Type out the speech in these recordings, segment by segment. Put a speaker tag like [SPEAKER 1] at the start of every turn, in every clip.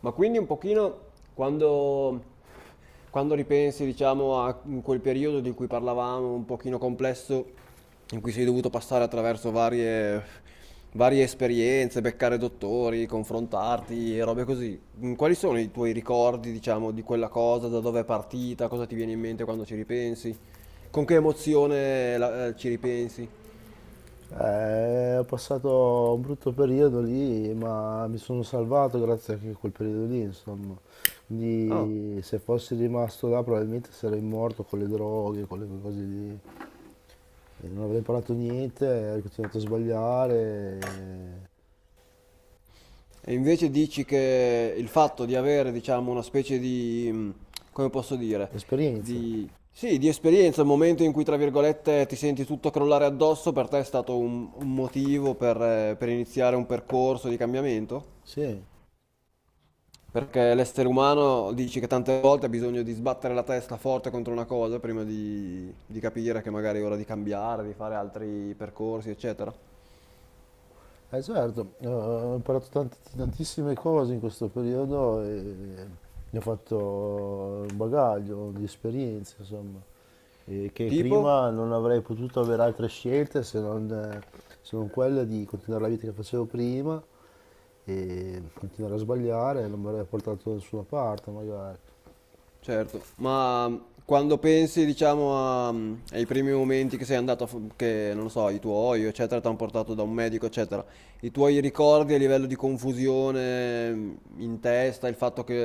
[SPEAKER 1] Ma quindi un pochino quando, quando ripensi, diciamo, a quel periodo di cui parlavamo, un pochino complesso, in cui sei dovuto passare attraverso varie esperienze, beccare dottori, confrontarti e robe così. Quali sono i tuoi ricordi, diciamo, di quella cosa, da dove è partita, cosa ti viene in mente quando ci ripensi, con che emozione ci ripensi?
[SPEAKER 2] Ho passato un brutto periodo lì, ma mi sono salvato grazie anche a quel periodo lì, insomma.
[SPEAKER 1] Ah.
[SPEAKER 2] Quindi se fossi rimasto là probabilmente sarei morto con le droghe, con le cose lì. E non avrei imparato niente, avrei continuato a sbagliare.
[SPEAKER 1] E invece dici che il fatto di avere, diciamo, una specie di, come posso dire,
[SPEAKER 2] Esperienza,
[SPEAKER 1] di, sì, di esperienza, il momento in cui, tra virgolette, ti senti tutto crollare addosso, per te è stato un motivo per iniziare un percorso di cambiamento?
[SPEAKER 2] sì.
[SPEAKER 1] Perché l'essere umano dici che tante volte ha bisogno di sbattere la testa forte contro una cosa prima di capire che magari è ora di cambiare, di fare altri percorsi, eccetera.
[SPEAKER 2] Eh certo, ho imparato tantissime cose in questo periodo e ne ho fatto un bagaglio di esperienze, insomma, e che
[SPEAKER 1] Tipo?
[SPEAKER 2] prima non avrei potuto avere altre scelte se non, se non quella di continuare la vita che facevo prima e continuare a sbagliare, non mi avrebbe portato da nessuna parte magari.
[SPEAKER 1] Certo, ma quando pensi, diciamo, ai primi momenti che sei andato, che non lo so, i tuoi, eccetera, ti hanno portato da un medico, eccetera, i tuoi ricordi a livello di confusione in testa, il fatto che,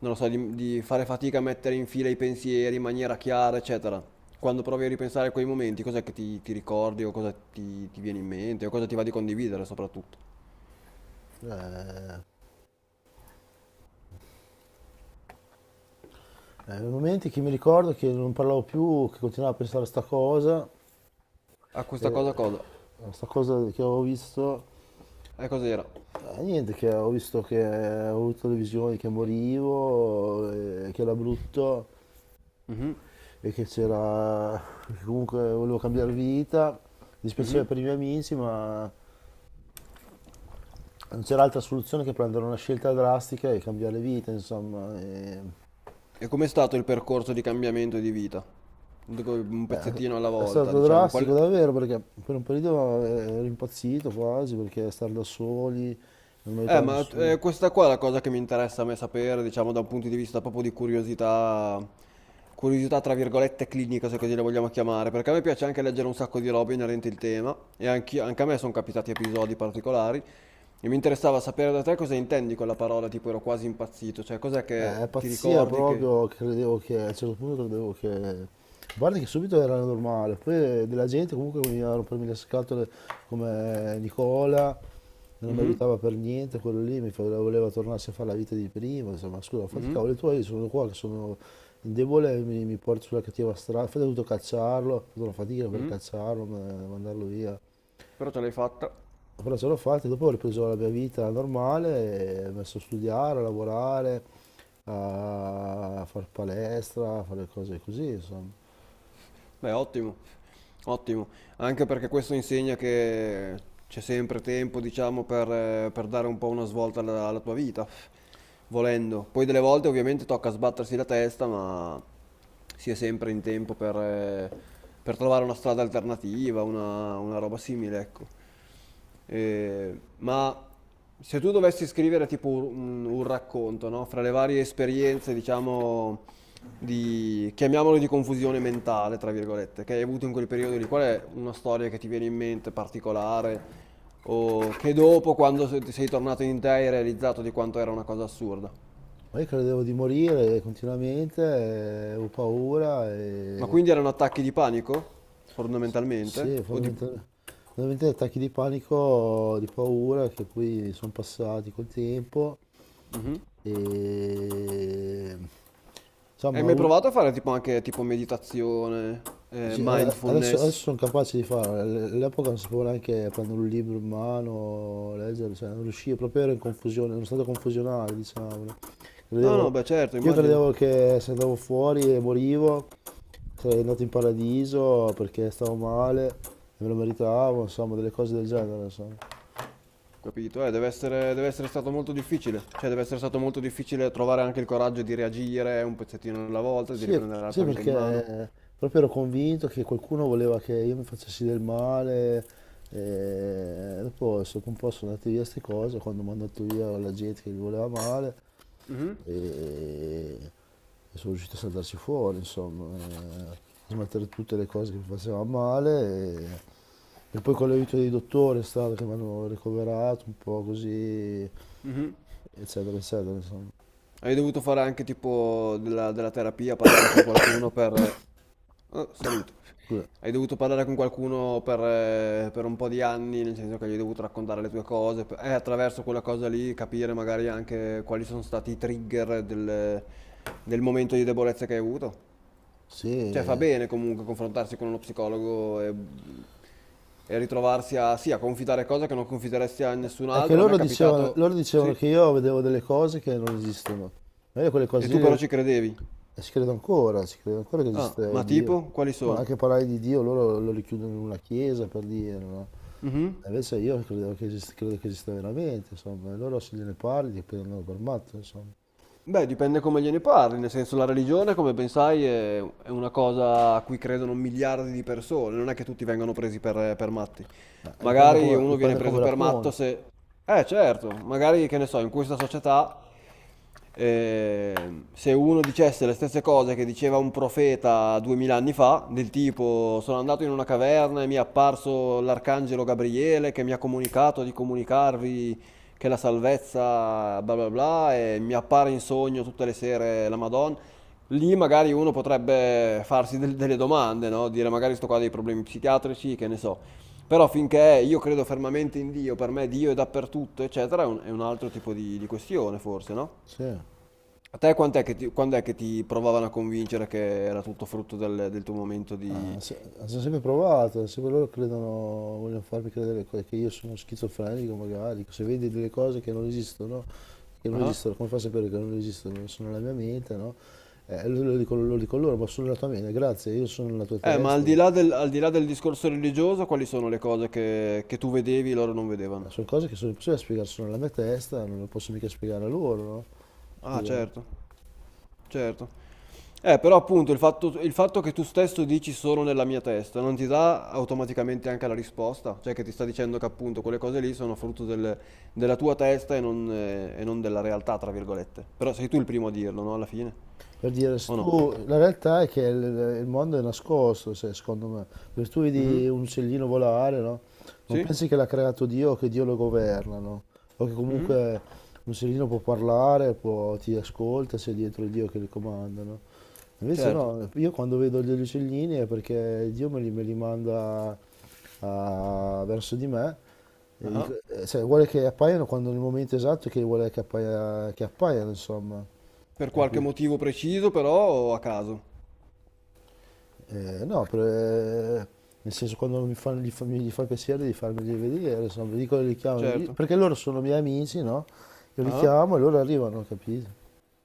[SPEAKER 1] non lo so, di fare fatica a mettere in fila i pensieri in maniera chiara, eccetera, quando provi a ripensare a quei momenti, cos'è che ti ricordi o cosa ti viene in mente o cosa ti va di condividere soprattutto?
[SPEAKER 2] Nei momenti che mi ricordo che non parlavo più, che continuavo a pensare a sta cosa,
[SPEAKER 1] A questa
[SPEAKER 2] e
[SPEAKER 1] cosa cosa?
[SPEAKER 2] a sta cosa che avevo visto.
[SPEAKER 1] E cos'era?
[SPEAKER 2] Niente, che ho visto che ho avuto le visioni che morivo, che era brutto
[SPEAKER 1] Mhm,
[SPEAKER 2] e che c'era, che comunque volevo cambiare vita. Mi dispiaceva
[SPEAKER 1] mhm.
[SPEAKER 2] per i miei amici, ma non c'era altra soluzione che prendere una scelta drastica e cambiare vita, insomma. E
[SPEAKER 1] E com'è stato il percorso di cambiamento di vita? Dico, un pezzettino alla
[SPEAKER 2] è
[SPEAKER 1] volta,
[SPEAKER 2] stato
[SPEAKER 1] diciamo. Qual...
[SPEAKER 2] drastico davvero perché per un periodo ero impazzito quasi perché stare da soli, non mi
[SPEAKER 1] Eh,
[SPEAKER 2] aiutava
[SPEAKER 1] ma
[SPEAKER 2] nessuno.
[SPEAKER 1] questa qua è la cosa che mi interessa a me sapere, diciamo, da un punto di vista proprio di curiosità, curiosità tra virgolette clinica, se così la vogliamo chiamare, perché a me piace anche leggere un sacco di robe inerenti il tema, e anche a me sono capitati episodi particolari, e mi interessava sapere da te cosa intendi con la parola, tipo ero quasi impazzito, cioè cos'è che ti
[SPEAKER 2] Pazzia
[SPEAKER 1] ricordi che...
[SPEAKER 2] proprio, credevo che a un certo punto credevo che... Guarda che subito era normale, poi della gente comunque che veniva a rompermi le scatole come Nicola, non mi
[SPEAKER 1] Mhm,
[SPEAKER 2] aiutava per niente, quello lì voleva tornarsi a fare la vita di prima, insomma, scusa, fatti i
[SPEAKER 1] mhm,
[SPEAKER 2] cavoli tuoi, io sono qua che sono indebole, mi porti sulla cattiva strada, infatti ho dovuto cacciarlo, ho fatto una fatica per
[SPEAKER 1] mhm,
[SPEAKER 2] cacciarlo, mandarlo via,
[SPEAKER 1] però ce l'hai fatta.
[SPEAKER 2] però ce l'ho fatta, dopo ho ripreso la mia vita normale, e ho messo a studiare, a lavorare, a fare palestra, a fare cose così, insomma.
[SPEAKER 1] Beh, ottimo, ottimo, anche perché questo insegna che c'è sempre tempo, diciamo, per dare un po' una svolta alla tua vita, volendo. Poi delle volte ovviamente tocca sbattersi la testa, ma si è sempre in tempo per trovare una strada alternativa, una roba simile, ecco. Ma se tu dovessi scrivere tipo un racconto, no? Fra le varie esperienze, diciamo di, chiamiamolo di confusione mentale, tra virgolette, che hai avuto in quel periodo lì? Qual è una storia che ti viene in mente particolare o che dopo, quando ti sei tornato in te, hai realizzato di quanto era una cosa assurda?
[SPEAKER 2] Ma io credevo di morire continuamente, avevo paura
[SPEAKER 1] Ma
[SPEAKER 2] e
[SPEAKER 1] quindi erano attacchi di panico, fondamentalmente?
[SPEAKER 2] sì,
[SPEAKER 1] O di...
[SPEAKER 2] fondamentalmente attacchi di panico, di paura che poi sono passati col tempo
[SPEAKER 1] Mhm.
[SPEAKER 2] e
[SPEAKER 1] Hai
[SPEAKER 2] insomma
[SPEAKER 1] mai provato a fare tipo anche tipo meditazione,
[SPEAKER 2] sì, adesso, adesso
[SPEAKER 1] mindfulness?
[SPEAKER 2] sono capaci di farlo. All'epoca non sapevo neanche prendere un libro in mano, leggere, cioè non riuscivo, proprio ero in confusione, in uno stato confusionale, diciamo. No?
[SPEAKER 1] No,
[SPEAKER 2] Credevo-
[SPEAKER 1] no, beh certo,
[SPEAKER 2] io
[SPEAKER 1] immagino.
[SPEAKER 2] credevo che se andavo fuori e morivo, sarei andato in paradiso perché stavo male e me lo meritavo, insomma, delle cose del genere, insomma.
[SPEAKER 1] Capito? Deve essere stato molto difficile. Cioè, deve essere stato molto difficile trovare anche il coraggio di reagire un pezzettino alla volta, di
[SPEAKER 2] Sì,
[SPEAKER 1] riprendere la
[SPEAKER 2] sì,
[SPEAKER 1] tua vita in mano.
[SPEAKER 2] perché proprio ero convinto che qualcuno voleva che io mi facessi del male, e dopo un po' sono andate via queste cose, quando mi hanno mandato via la gente che mi voleva male,
[SPEAKER 1] Mhm,
[SPEAKER 2] e, e sono riuscito a saltarci fuori, insomma, a smettere tutte le cose che mi facevano male, e poi con l'aiuto dei dottori è stato che mi hanno ricoverato un po' così,
[SPEAKER 1] mhm.
[SPEAKER 2] eccetera, eccetera, insomma.
[SPEAKER 1] Hai dovuto fare anche tipo della terapia, parlare con qualcuno per... ah, salute.
[SPEAKER 2] Scusa,
[SPEAKER 1] Hai dovuto parlare con qualcuno per un po' di anni, nel senso che gli hai dovuto raccontare le tue cose, per- e attraverso quella cosa lì capire magari anche quali sono stati i trigger del momento di debolezza che hai avuto. Cioè fa
[SPEAKER 2] sì.
[SPEAKER 1] bene comunque confrontarsi con uno psicologo e ritrovarsi a, sì, a confidare cose che non confideresti a nessun
[SPEAKER 2] È che
[SPEAKER 1] altro. A me è capitato,
[SPEAKER 2] loro dicevano
[SPEAKER 1] sì,
[SPEAKER 2] che io vedevo delle cose che non esistono. Ma io quelle
[SPEAKER 1] e
[SPEAKER 2] cose
[SPEAKER 1] tu però
[SPEAKER 2] lì
[SPEAKER 1] ci credevi.
[SPEAKER 2] ci credo ancora che
[SPEAKER 1] Ah,
[SPEAKER 2] esiste
[SPEAKER 1] ma
[SPEAKER 2] Dio.
[SPEAKER 1] tipo, quali
[SPEAKER 2] Ma
[SPEAKER 1] sono?
[SPEAKER 2] anche parlare di Dio loro lo richiudono in una chiesa per dire, no?
[SPEAKER 1] Mhm.
[SPEAKER 2] E invece io credevo che esiste, credo che esista veramente, insomma. E loro se gliene parli ti prendono per matto, insomma.
[SPEAKER 1] Beh, dipende come gliene parli, nel senso la religione, come ben sai, è una cosa a cui credono miliardi di persone, non è che tutti vengono presi per matti. Magari uno viene
[SPEAKER 2] Dipende
[SPEAKER 1] preso
[SPEAKER 2] come la
[SPEAKER 1] per matto
[SPEAKER 2] poni.
[SPEAKER 1] se... Eh certo, magari che ne so, in questa società se uno dicesse le stesse cose che diceva un profeta duemila anni fa, del tipo sono andato in una caverna e mi è apparso l'arcangelo Gabriele che mi ha comunicato di comunicarvi che la salvezza bla bla bla e mi appare in sogno tutte le sere la Madonna, lì magari uno potrebbe farsi delle domande, no? Dire magari sto qua ha dei problemi psichiatrici, che ne so. Però finché io credo fermamente in Dio, per me Dio è dappertutto, eccetera, è un altro tipo di questione, forse, no?
[SPEAKER 2] Sì.
[SPEAKER 1] A te quant'è che quando è che ti provavano a convincere che era tutto frutto del tuo momento
[SPEAKER 2] Ah,
[SPEAKER 1] di...
[SPEAKER 2] hanno sempre provato, sempre loro credono, vogliono farmi credere che io sono schizofrenico magari, se vedi delle cose che non
[SPEAKER 1] Ah.
[SPEAKER 2] esistono, come fa a sapere che non esistono? Sono nella mia mente, no? Lo dico loro, ma sono nella tua mente, grazie, io sono nella tua
[SPEAKER 1] Ma al
[SPEAKER 2] testa, ma
[SPEAKER 1] di là al di là del discorso religioso, quali sono le cose che tu vedevi e loro non vedevano?
[SPEAKER 2] sono cose che sono impossibili da spiegare, sono nella mia testa, non le posso mica spiegare a loro, no?
[SPEAKER 1] Ah,
[SPEAKER 2] Scusa.
[SPEAKER 1] certo. Certo. Però appunto il fatto che tu stesso dici solo nella mia testa non ti dà automaticamente anche la risposta, cioè che ti sta dicendo che appunto quelle cose lì sono frutto della tua testa e non della realtà, tra virgolette. Però sei tu il primo a dirlo, no? Alla fine,
[SPEAKER 2] Per dire, se
[SPEAKER 1] o no?
[SPEAKER 2] tu, la realtà è che il mondo è nascosto, secondo me. Per tu
[SPEAKER 1] Mhm.
[SPEAKER 2] vedi un uccellino volare, no? Non
[SPEAKER 1] Sì?
[SPEAKER 2] pensi che l'ha creato Dio o che Dio lo governa, no? O che comunque
[SPEAKER 1] Mhm.
[SPEAKER 2] un uccellino può parlare, ti ascolta, se è dietro Dio che li comanda, no? Invece
[SPEAKER 1] Certo.
[SPEAKER 2] no, io quando vedo degli uccellini è perché Dio me li manda verso di me, e
[SPEAKER 1] Ah.
[SPEAKER 2] cioè, vuole che appaiano quando nel momento esatto che vuole che che appaiano, insomma.
[SPEAKER 1] Per qualche
[SPEAKER 2] Capito?
[SPEAKER 1] motivo preciso, però o a caso.
[SPEAKER 2] No, nel senso quando mi fanno, gli, fa, mi- gli fa il piacere di farmeli vedere, insomma, vi dico, li chiamo,
[SPEAKER 1] Certo.
[SPEAKER 2] perché loro sono miei amici, no? Io li
[SPEAKER 1] Ah.
[SPEAKER 2] chiamo e loro arrivano, capito?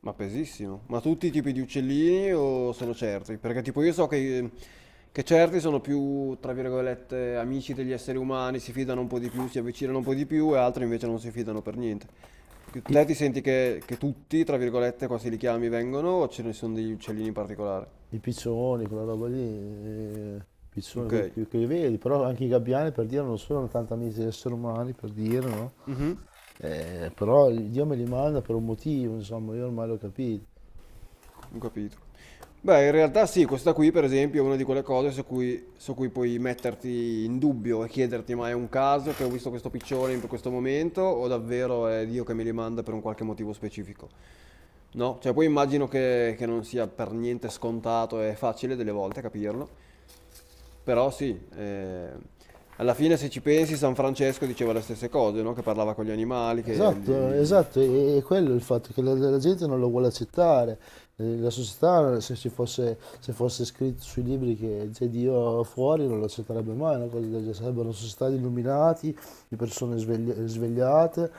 [SPEAKER 1] Ma pesissimo. Ma tutti i tipi di uccellini o solo certi? Perché tipo io so che certi sono più, tra virgolette, amici degli esseri umani, si fidano un po' di più, si avvicinano un po' di più e altri invece non si fidano per niente.
[SPEAKER 2] I,
[SPEAKER 1] Te ti senti che tutti, tra virgolette, quasi li chiami, vengono o ce ne sono degli uccellini in particolare?
[SPEAKER 2] I piccioni, quella roba lì, i piccioni
[SPEAKER 1] Ok.
[SPEAKER 2] quelli che li vedi, però anche i gabbiani per dire non sono tanto amici degli esseri umani, per dire, no?
[SPEAKER 1] Mhm,
[SPEAKER 2] Però Dio me li manda per un motivo, insomma, io ormai l'ho capito.
[SPEAKER 1] ho capito. Beh, in realtà sì, questa qui per esempio è una di quelle cose su cui puoi metterti in dubbio e chiederti ma è un caso che ho visto questo piccione in questo momento o davvero è Dio che me li manda per un qualche motivo specifico? No? Cioè poi immagino che non sia per niente scontato e facile delle volte capirlo, però sì, alla fine se ci pensi San Francesco diceva le stesse cose, no? Che parlava con gli animali, che li...
[SPEAKER 2] Esatto,
[SPEAKER 1] li-
[SPEAKER 2] esatto, e quello è il fatto che la gente non lo vuole accettare. La società, se ci fosse, se fosse scritto sui libri che c'è Dio fuori, non lo accetterebbe mai, una cosa del genere. Sarebbero una società di illuminati, di persone svegliate,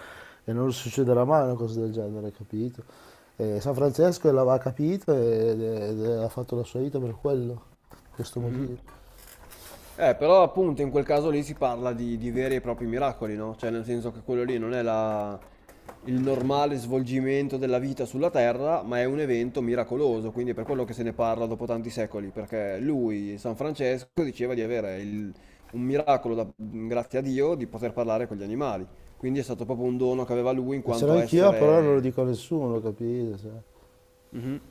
[SPEAKER 2] e non succederà mai una cosa del genere, capito? E San Francesco l'aveva capito ed ha fatto la sua vita per quello, per questo
[SPEAKER 1] Mhm.
[SPEAKER 2] motivo.
[SPEAKER 1] Però appunto in quel caso lì si parla di veri e propri miracoli, no? Cioè nel senso che quello lì non è il normale svolgimento della vita sulla Terra, ma è un evento miracoloso, quindi è per quello che se ne parla dopo tanti secoli, perché lui, San Francesco, diceva di avere un miracolo, grazie a Dio, di poter parlare con gli animali. Quindi è stato proprio un dono che aveva lui in
[SPEAKER 2] E ce l'ho
[SPEAKER 1] quanto
[SPEAKER 2] anch'io, però non lo
[SPEAKER 1] essere.
[SPEAKER 2] dico a nessuno, capito? Cioè,
[SPEAKER 1] Mhm.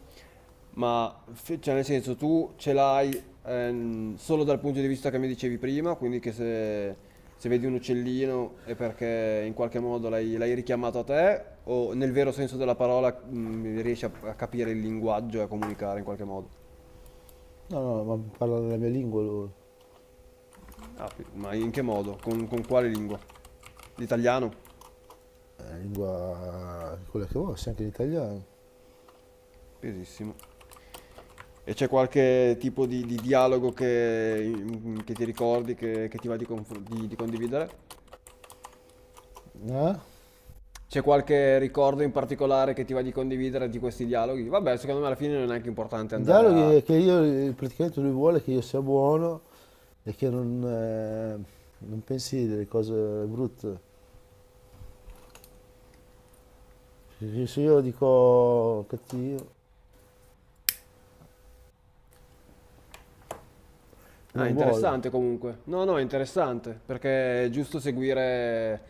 [SPEAKER 1] Cioè, nel senso, tu ce l'hai solo dal punto di vista che mi dicevi prima, quindi che se vedi un uccellino è perché in qualche modo l'hai richiamato a te, o nel vero senso della parola riesci a capire il linguaggio e a comunicare in qualche modo?
[SPEAKER 2] no, no, ma parla nella mia lingua lui.
[SPEAKER 1] Ah, ma in che modo? Con quale lingua? L'italiano?
[SPEAKER 2] La lingua quella che vuoi, anche l'italiano.
[SPEAKER 1] Pesissimo. E c'è qualche tipo di dialogo che, che ti ricordi, che ti va di condividere?
[SPEAKER 2] Eh?
[SPEAKER 1] C'è qualche ricordo in particolare che ti va di condividere di questi dialoghi? Vabbè, secondo me alla fine non è neanche importante
[SPEAKER 2] Il
[SPEAKER 1] andare
[SPEAKER 2] dialogo
[SPEAKER 1] a...
[SPEAKER 2] è che io praticamente lui vuole che io sia buono e che non, non pensi delle cose brutte. Perché se io dico cattivo,
[SPEAKER 1] Ah,
[SPEAKER 2] non vuole.
[SPEAKER 1] interessante comunque. No, no, è interessante, perché è giusto seguire,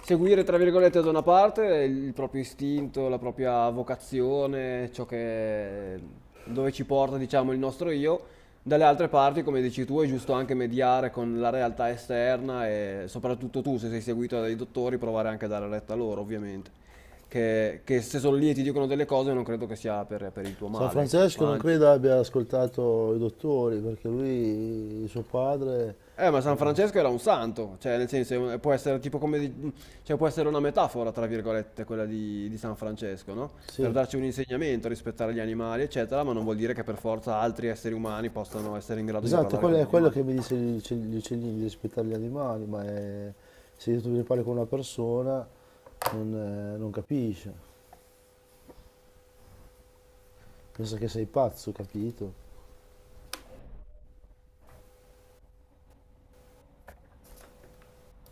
[SPEAKER 1] seguire, tra virgolette, da una parte il proprio istinto, la propria vocazione, ciò che, dove ci porta, diciamo, il nostro io. Dalle altre parti, come dici tu, è giusto anche mediare con la realtà esterna e soprattutto tu, se sei seguito dai dottori, provare anche a dare retta a loro, ovviamente. Che se sono lì e ti dicono delle cose, non credo che sia per il tuo
[SPEAKER 2] San
[SPEAKER 1] male, ecco.
[SPEAKER 2] Francesco
[SPEAKER 1] Ma
[SPEAKER 2] non
[SPEAKER 1] anzi.
[SPEAKER 2] credo abbia ascoltato i dottori perché lui, suo padre,
[SPEAKER 1] Ma San Francesco era un santo, cioè nel senso può essere tipo come cioè, può essere una metafora, tra virgolette, quella di San Francesco, no? Per
[SPEAKER 2] sì,
[SPEAKER 1] darci un insegnamento, rispettare gli animali, eccetera, ma non vuol dire che per forza altri esseri umani possano essere in grado di
[SPEAKER 2] esatto,
[SPEAKER 1] parlare
[SPEAKER 2] quello
[SPEAKER 1] con gli
[SPEAKER 2] è quello
[SPEAKER 1] animali.
[SPEAKER 2] che mi dice gli uccellini di rispettare gli animali, se io tu ne parli con una persona non, non capisce, pensa che sei pazzo, capito?